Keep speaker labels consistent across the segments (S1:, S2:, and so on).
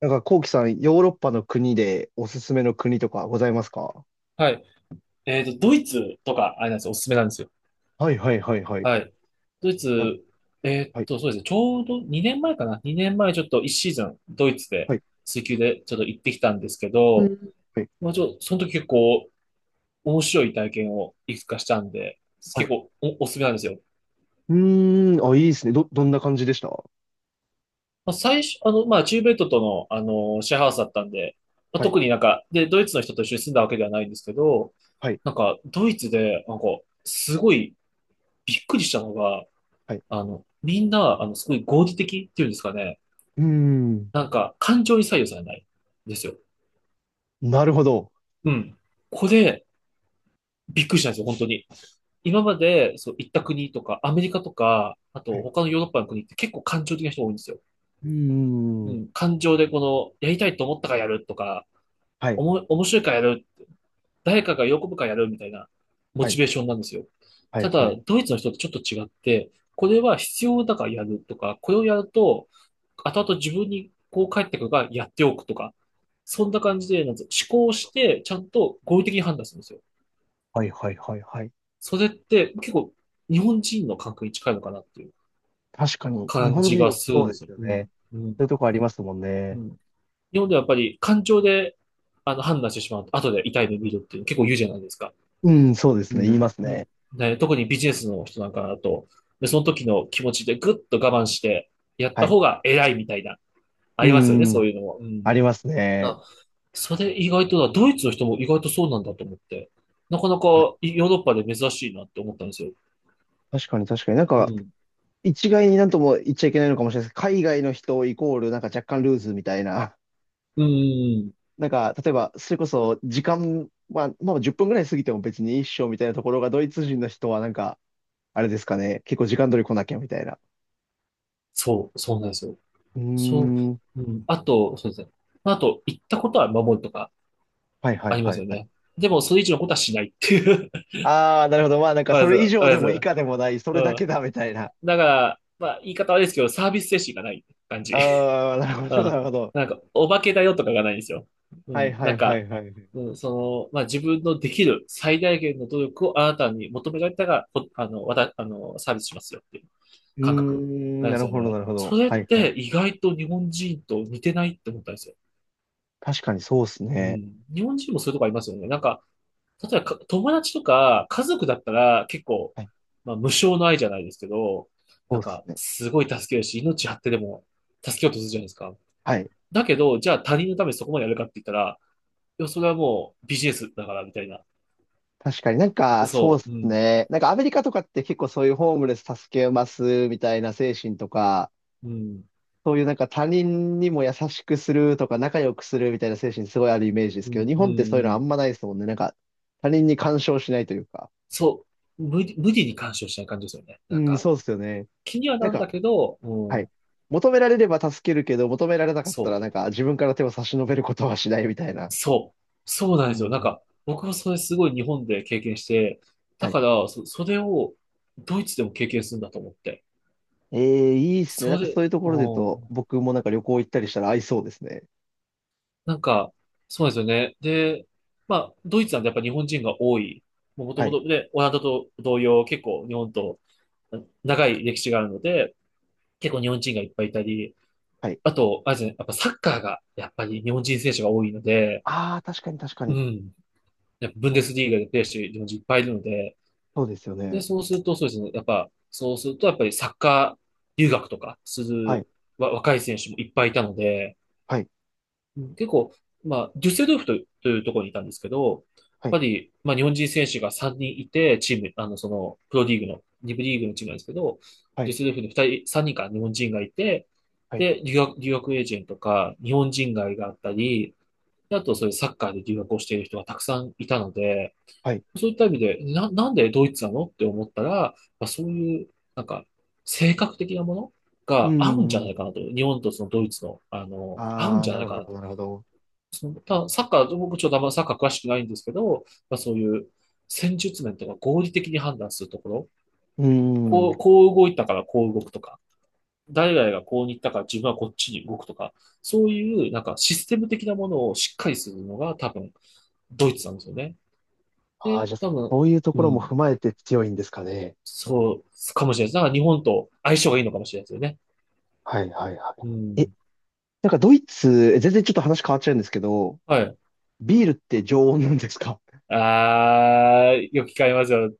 S1: なんか、こうきさん、ヨーロッパの国でおすすめの国とかございますか？
S2: はい。ドイツとか、あれなんですよ。おすすめなんですよ。
S1: はいはいはいはい。
S2: はい。ドイ
S1: なん
S2: ツ、
S1: はい、
S2: そうですね。ちょうど2年前かな。2年前、ちょっと1シーズン、ドイツ
S1: は
S2: で、
S1: い、
S2: 水球でちょっと行ってきたんですけ
S1: う
S2: ど、
S1: んはい、
S2: まあ、その時、結構面白い体験をいくつかしたんで、
S1: は
S2: 結
S1: い。
S2: 構お、おすすめなんですよ。
S1: うーん、あ、いいですね。どんな感じでした？
S2: まあ、最初、まあ、チューベ米トとの、シェアハウスだったんで、まあ、
S1: はい、
S2: 特になんか、で、ドイツの人と一緒に住んだわけではないんですけど、
S1: はい、
S2: なんか、ドイツで、なんか、すごいびっくりしたのが、
S1: はい。
S2: みんな、すごい合理的っていうんですかね。
S1: うーん、
S2: なんか、感情に左右されないんですよ。
S1: なるほど。
S2: うん。これ、びっくりしたんですよ、本当に。今まで、そう、行った国とか、アメリカとか、あ
S1: は
S2: と、
S1: い。
S2: 他のヨーロッパの国って結構感情的な人が多いんですよ。
S1: うー
S2: う
S1: ん、
S2: ん。感情で、この、やりたいと思ったからやるとか、
S1: はい、
S2: 面白いからやる、誰かが喜ぶからやるみたいなモ
S1: は
S2: チ
S1: い、
S2: ベーションなんですよ。
S1: はい、
S2: た
S1: は
S2: だ、
S1: い、
S2: ドイツの人とちょっと違って、これは必要だからやるとか、これをやると、後々自分にこう返ってくるからやっておくとか、そんな感じで、なんつう思考して、ちゃんと合理的に判断するんですよ。
S1: はい、はい、はい。はい。
S2: それって結構日本人の感覚に近いのかなっていう
S1: 確かに、日
S2: 感
S1: 本
S2: じが
S1: 人、
S2: する
S1: そ
S2: ん
S1: う
S2: で
S1: で
S2: す
S1: す
S2: よ。
S1: よ
S2: う
S1: ね。
S2: ん。うん。
S1: そういうとこありますもん
S2: う
S1: ね。
S2: ん。日本ではやっぱり感情で判断してしまうと、後で痛い目見るっていうの結構言うじゃないですか。
S1: うん、そうで
S2: う
S1: すね。言い
S2: ん。
S1: ますね。
S2: ね、特にビジネスの人なんかだと、で、その時の気持ちでぐっと我慢して、やっ
S1: は
S2: た
S1: い。
S2: 方が偉いみたいな、ありますよね、
S1: う
S2: そう
S1: ん、
S2: いうのも。うん。
S1: ありますね。
S2: あ、それ意外と、ドイツの人も意外とそうなんだと思って、なかなか
S1: はい。
S2: ヨーロッパで珍しいなって思ったんですよ。
S1: 確かに確かに。なん
S2: う
S1: か、
S2: ん。
S1: 一概になんとも言っちゃいけないのかもしれないですけど、海外の人イコールなんか若干ルーズみたいな、
S2: うんうん、
S1: なんか例えばそれこそ時間、まあ10分ぐらい過ぎても別に一緒みたいなところがドイツ人の人はなんか、あれですかね、結構時間通り来なきゃみたいな。
S2: そうなんですよ。
S1: うー
S2: そ
S1: ん。
S2: う、うん。あと、そうですね。あと、行ったことは守るとか
S1: はいは
S2: あ
S1: い
S2: りま
S1: は
S2: す
S1: い
S2: よ
S1: はい。
S2: ね。でも、それ以上のことはしないっていう。
S1: ああ、なるほど。まあなん か
S2: あり
S1: そ
S2: がと
S1: れ以
S2: う
S1: 上
S2: ございます。ありがとうござ
S1: でも以
S2: います。
S1: 下でもない、そ
S2: う
S1: れだけだみたいな。
S2: ん。だから、まあ、言い方悪いですけど、サービス精神がない感じ。
S1: ああ、な る
S2: う
S1: ほどな
S2: ん。
S1: るほど。
S2: なんか、お化けだよとかがないんですよ。う
S1: はい
S2: ん。
S1: は
S2: なん
S1: いは
S2: か、
S1: いはい。う
S2: うん、その、まあ、自分のできる最大限の努力をあなたに求められたが、こあの、わた、あの、サービスしますよっていう
S1: ー
S2: 感覚
S1: ん、
S2: なん
S1: な
S2: です
S1: る
S2: よ
S1: ほどな
S2: ね。
S1: るほ
S2: そ
S1: ど。
S2: れっ
S1: はいはい。
S2: て意外と日本人と似てないって思ったんですよ。
S1: 確かにそうっす
S2: う
S1: ね。
S2: ん。日本人もそういうとこありますよね。なんか、例えば友達とか家族だったら結構、
S1: はい、
S2: まあ、無償の愛じゃないですけど、
S1: そ
S2: な
S1: う
S2: ん
S1: っす
S2: か
S1: ね。
S2: すごい助けるし、命張ってでも助けようとするじゃないですか。
S1: はい。
S2: だけど、じゃあ他人のためにそこまでやるかって言ったら、いや、それはもうビジネスだからみたいな。
S1: 確かになんか、そう
S2: そ
S1: で
S2: う、
S1: す
S2: うん、
S1: ね。なんかアメリカとかって結構そういうホームレス助けますみたいな精神とか、
S2: うん、
S1: そういうなんか他人にも優しくするとか仲良くするみたいな精神すごいあるイメージです
S2: う
S1: けど、
S2: ん、
S1: 日
S2: うん、
S1: 本ってそうい
S2: う
S1: うのあん
S2: ん。
S1: まないですもんね。なんか他人に干渉しないというか。
S2: そう、無理に干渉しない感じですよね。
S1: う
S2: なん
S1: ん、
S2: か、
S1: そうですよね。
S2: 気には
S1: なん
S2: なん
S1: か、
S2: だけど、う
S1: はい。
S2: ん、
S1: 求められれば助けるけど、求められなかったら
S2: そう。
S1: なんか自分から手を差し伸べることはしないみたいな。
S2: そう。そうなん
S1: う
S2: で
S1: ん
S2: すよ。なん
S1: うん
S2: か、僕もそれすごい日本で経験して、だ
S1: はい。
S2: から、それをドイツでも経験するんだと思って。
S1: ええ、いいですね。な
S2: そ
S1: んかそ
S2: れ、
S1: ういうとこ
S2: う
S1: ろで言うと、
S2: ん。
S1: 僕もなんか旅行行ったりしたら合いそうですね。
S2: なんか、そうなんですよね。で、まあ、ドイツなんてやっぱ日本人が多い。もと
S1: は
S2: も
S1: い。
S2: と、で、オランダと同様、結構日本と長い歴史があるので、結構日本人がいっぱいいたり、
S1: はい。
S2: あと、あれですね、やっぱサッカーがやっぱり日本人選手が多いので、
S1: ああ、確かに確か
S2: う
S1: に。
S2: ん。やっぱブン
S1: は
S2: デ
S1: い。
S2: スリーガでプレーしてる日本人いっぱいいるので、
S1: そうですよ
S2: で、
S1: ね。
S2: そうすると、そうですね。やっぱ、そうすると、やっぱりサッカー留学とかす
S1: はい。
S2: る若い選手もいっぱいいたので、
S1: はい。
S2: うん、結構、まあ、デュッセルドルフという、というところにいたんですけど、
S1: はい。
S2: やっぱり、まあ、日本人選手が3人いて、チーム、あの、その、プロリーグの、リ部リーグのチームなんですけど、
S1: は
S2: デュ
S1: い。
S2: ッセルドルフに2人、3人か日本人がいて、
S1: はい。
S2: で、留学エージェントとか、日本人街があったり、であと、そういうサッカーで留学をしている人がたくさんいたので、
S1: はい。
S2: そういった意味で、なんでドイツなのって思ったら、まあ、そういう、なんか、性格的なもの
S1: うー
S2: が合うんじゃない
S1: ん。
S2: かなと。日本とそのドイツの、あの、合うん
S1: ああ、
S2: じゃ
S1: な
S2: ない
S1: る
S2: か
S1: ほ
S2: な
S1: ど、
S2: と。
S1: なるほど。
S2: その、ただサッカー、僕ちょっとあんまサッカー詳しくないんですけど、まあ、そういう戦術面とか合理的に判断するところ、
S1: うーん。
S2: こう、こう動いたからこう動くとか、誰々がこうに行ったから自分はこっちに動くとか、そういうなんかシステム的なものをしっかりするのが多分ドイツなんですよね。
S1: ああ、
S2: で、
S1: じゃあ、
S2: 多分、
S1: そういうと
S2: う
S1: ころも
S2: ん。
S1: 踏まえて強いんですかね。
S2: そう、かもしれないです。だから日本と相性がいいのかもしれないですよね。
S1: はい、はい、は
S2: う
S1: い。え、
S2: ん。
S1: なんかドイツ、え全然ちょっと話変わっちゃうんですけど、
S2: はい。
S1: ビールって常温なんですか？
S2: あー、よく聞かれますよ。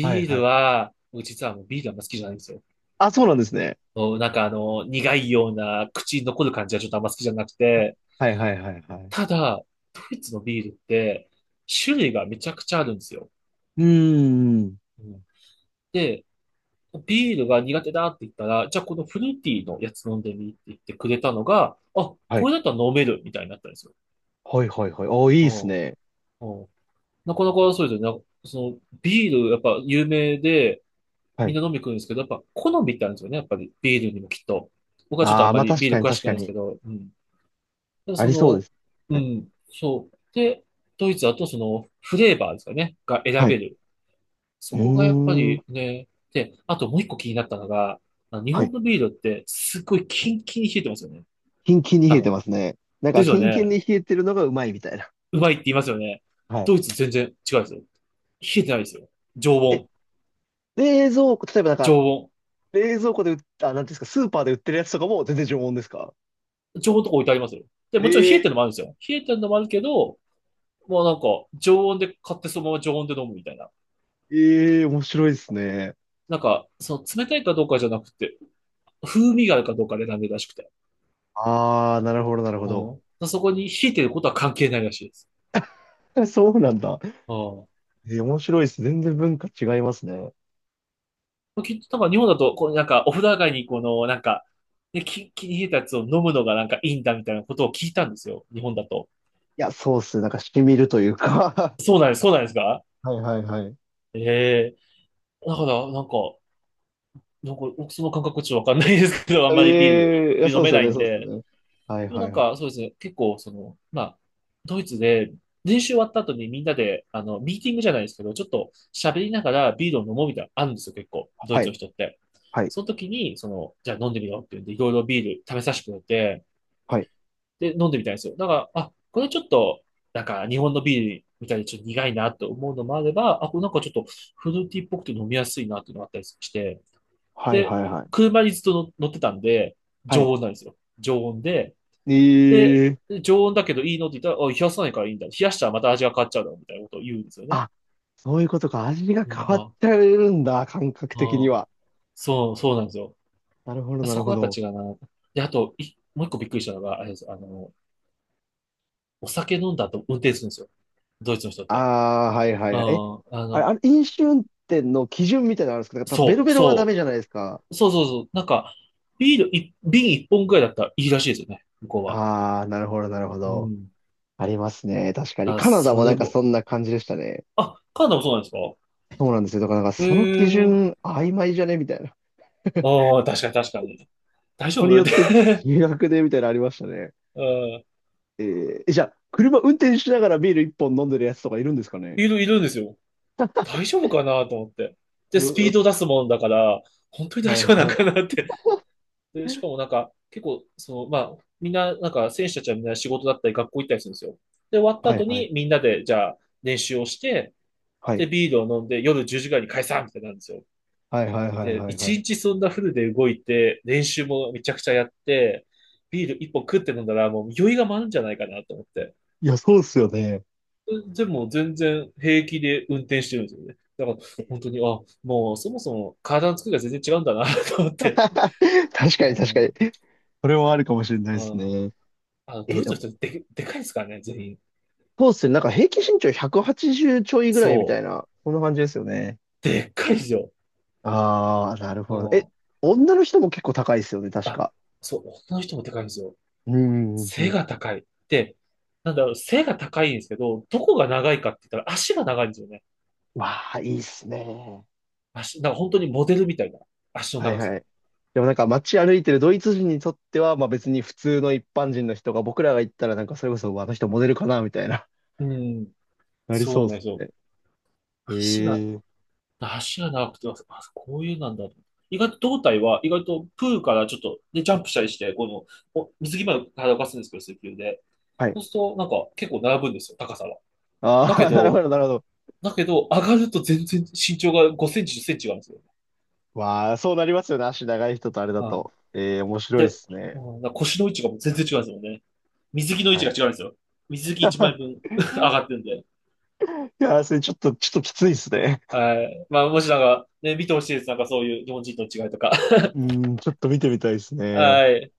S1: はい
S2: ー
S1: は
S2: ル
S1: い。
S2: は、僕実はもうビールあんま好きじゃないんですよ。
S1: あ、そうなんですね。
S2: もうなんかあの、苦いような口に残る感じはちょっとあんま好きじゃなく
S1: あ、
S2: て、
S1: はいはいはいはい。
S2: ただ、ドイツのビールって、種類がめちゃくちゃあるんですよ。
S1: うーん。
S2: うん、で、ビールが苦手だって言ったら、じゃあこのフルーティーのやつ飲んでみって言ってくれたのが、あ、
S1: は
S2: こ
S1: い。
S2: れだったら飲めるみたいになったんですよ。
S1: はいはいはい。おー、いいですね。
S2: うん。なかなかそうですよね。その、ビール、やっぱ有名で、
S1: は
S2: みん
S1: い。
S2: な飲み来るんですけど、やっぱ好みってあるんですよね。やっぱりビールにもきっと。僕はちょっとあ
S1: あ
S2: ん
S1: あ、
S2: ま
S1: まあ
S2: りビ
S1: 確
S2: ー
S1: か
S2: ル
S1: に
S2: 詳し
S1: 確
S2: くな
S1: か
S2: いんですけ
S1: に。
S2: ど、うん。ただ
S1: あ
S2: そ
S1: りそうで
S2: の、
S1: す。
S2: う
S1: はい。
S2: ん、そう。で、ドイツだとその、フレーバーですかね、が選
S1: は
S2: べ
S1: い。
S2: る。
S1: う
S2: そこがやっぱ
S1: ー
S2: り
S1: ん。
S2: ね、で、あともう一個気になったのが、あの日
S1: は
S2: 本
S1: い。
S2: のビールってすごいキンキンに冷えてますよね。
S1: キンキンに
S2: 多
S1: 冷えて
S2: 分。
S1: ますね。なん
S2: で
S1: か、
S2: すよ
S1: キンキン
S2: ね。
S1: に冷えてるのがうまいみたいな。
S2: うまいって言いますよね。
S1: は
S2: ド
S1: い。
S2: イツ全然違うんですよ。冷えてないですよ。常
S1: え、
S2: 温。
S1: 冷蔵庫、例えばなん
S2: 常
S1: か、
S2: 温。
S1: 冷蔵庫で売った、あ、なんていうんですか、スーパーで売ってるやつとかも全然常温ですか？
S2: 常温とか置いてありますよ。で、もちろん冷え
S1: え
S2: てるのもあるんですよ。冷えてるのもあるけど、もうなんか、常温で買ってそのまま常温で飲むみたいな。
S1: えー、面白いですね。
S2: なんか、その冷たいかどうかじゃなくて、風味があるかどうかで選んでるらしくて。
S1: あー、なるほど、なるほど。
S2: うん。そこに冷えてることは関係ないらしいです。
S1: そうなんだ。
S2: う
S1: えー、面白いです。全然文化違いますね。
S2: ん。きっとなんか日本だと、こうなんか、お風呂上がりにこの、なんか、ね、気に冷えたやつを飲むのがなんかいいんだみたいなことを聞いたんですよ。日本だと。
S1: いや、そうっすね。なんか、染みるというか
S2: そうなんです、そうなんですか？
S1: はいはいはい。
S2: ええ。だから、なんか、僕その感覚ちょっとわかんないですけど、あんまりビール、
S1: ええ、いや、
S2: ビール
S1: そ
S2: 飲
S1: うで
S2: め
S1: すよ
S2: ない
S1: ね、
S2: ん
S1: そうですよ
S2: で、
S1: ね。はい
S2: でも
S1: は
S2: な
S1: い
S2: ん
S1: はい。
S2: か、そうですね。結構、その、まあ、ドイツで、練習終わった後にみんなで、あの、ミーティングじゃないですけど、ちょっと喋りながらビールを飲もうみたいなのあるんですよ、結構。ドイ
S1: は
S2: ツ
S1: い、
S2: の人って。
S1: はい、
S2: その時に、その、じゃあ飲んでみようって言うんで、いろいろビール食べさせてくれて、
S1: は
S2: で、飲んでみたいんですよ。だから、あ、これちょっと、なんか日本のビールみたいにちょっと苦いなと思うのもあれば、あ、これなんかちょっとフルーティーっぽくて飲みやすいなっていうのがあったりして、
S1: い、はい、
S2: で、
S1: はい、はい。
S2: 車にずっと乗ってたんで、
S1: はい。
S2: 常温なんですよ。常温で、で、
S1: え
S2: 常温だけどいいのって言ったら、あ、冷やさないからいいんだ。冷やしたらまた味が変わっちゃうだろうみたいなことを言うんですよね。
S1: あ、そういうことか。味が
S2: み
S1: 変
S2: ん
S1: わ
S2: な。
S1: っ
S2: あ
S1: ちゃうんだ。感覚的に
S2: あ、
S1: は。
S2: そうなんですよ。
S1: なるほど、な
S2: そ
S1: る
S2: こが
S1: ほ
S2: やっぱ
S1: ど。
S2: 違うな。で、あと、い、もう一個びっくりしたのが、あれです。あの、お酒飲んだ後運転するんですよ。ドイツの人っ
S1: あ
S2: て。
S1: あ、はいはい
S2: うん、
S1: は
S2: あ
S1: い。え、あれ、あ
S2: の、
S1: れ、飲酒運転の基準みたいなのあるんですか？なんかベロ
S2: そう、
S1: ベロはダメ
S2: そ
S1: じゃないですか。
S2: う、そうそうそう。なんか、ビールい、瓶一本くらいだったらいいらしいですよね。向こうは。
S1: ああ、なるほど、なるほ
S2: う
S1: ど。
S2: ん。
S1: ありますね。確かに。
S2: あ、
S1: カナダ
S2: そ
S1: もな
S2: れ
S1: んか
S2: も、
S1: そんな感じでしたね。
S2: あ、カナダもそうなんですか？
S1: そうなんですよ。だからなんか
S2: へ
S1: その基
S2: え。
S1: 準曖昧じゃねみたいな。
S2: ああ、確かに確かに。大丈
S1: これに
S2: 夫
S1: よ
S2: っ
S1: って
S2: て。
S1: 違 額でみたいなのありましたね。
S2: うん。
S1: えー、じゃあ、車運転しながらビール一本飲んでるやつとかいるんですかね？
S2: いる、いるんですよ。大丈夫かなと思って。
S1: え
S2: で、スピー
S1: ー、
S2: ド出すもんだから、本当に大
S1: はい
S2: 丈夫なん
S1: はい。
S2: かなって。で、しかもなんか、結構、その、まあ、みんな、なんか、選手たちはみんな仕事だったり、学校行ったりするんですよ。で、終わった
S1: はい
S2: 後
S1: はい。
S2: に、みんなで、じゃあ、練習をして、
S1: はい。
S2: で、ビールを飲んで、夜10時ぐらいに解散みたいになるんですよ。
S1: はいはいはい
S2: で、
S1: はいは
S2: 一
S1: い。
S2: 日そんなフルで動いて、練習もめちゃくちゃやって、ビール一本食って飲んだら、もう酔いが回るんじゃないかなと思って。
S1: いや、そうっすよね。
S2: でも全然平気で運転してるんですよね。だから本 当に、あ、もうそもそも体の作りが全然違うんだな と思って。
S1: 確
S2: う
S1: かに確か
S2: ん、う
S1: に。それはあるかもしれないです
S2: ん。
S1: ね。
S2: あ、
S1: え
S2: ド
S1: ー、
S2: イ
S1: で
S2: ツの
S1: も、
S2: 人で、でかいですからね、全員。
S1: そうっすよね。なんか平均身長180ちじゅうちょいぐらいみた
S2: そ
S1: い
S2: う。
S1: な、そんな感じですよね。
S2: でっかいですよ。
S1: ああ、なる
S2: う
S1: ほど。
S2: ん。
S1: 女の人も結構高いですよね、確
S2: あ、
S1: か。
S2: そう、女の人もでかいんですよ。
S1: うんうんう
S2: 背
S1: ん。
S2: が高い。で、なんだろう、背が高いんですけど、どこが長いかって言ったら足が長いんですよね。
S1: わあ、いいっすね。
S2: 足、なんか本当にモデルみたいな足の
S1: はい
S2: 長
S1: は
S2: さ。
S1: い。でもなんか街歩いてるドイツ人にとっては、まあ別に普通の一般人の人が僕らが行ったらなんかそれこそあの人モデルかなみたいな、
S2: うん。
S1: なり
S2: そ
S1: そ
S2: う
S1: うで
S2: なんで
S1: す
S2: すよ。
S1: ね。
S2: 足が
S1: ええ、
S2: 足が長くて、あ、こういうなんだと。意外と胴体は、意外とプールからちょっと、で、ジャンプしたりして、この、お水着まで体を動かすんですけど、水球で。
S1: はい。
S2: そうすると、なんか、結構並ぶんですよ、高さは。
S1: あ
S2: だけ
S1: あ、なるほ
S2: ど、
S1: ど、なるほど。
S2: だけど、上がると全然身長が5センチ、10センチ違うんですよ。
S1: わあ、そうなりますよね。足長い人とあれだ
S2: はい。
S1: と。ええ、面白いで
S2: で、
S1: す
S2: う
S1: ね。
S2: んだから腰の位置がもう全然違うんですよね。水着の位
S1: は
S2: 置
S1: い。
S2: が違うんですよ。水着1枚分 上 がってるんで。
S1: いやー、それちょっときついですね。
S2: はい。まあ、もしなんか、ね、見てほしいです。なんかそういう日本人との違いとか。
S1: うん、ちょっと見てみたいですね。
S2: はい。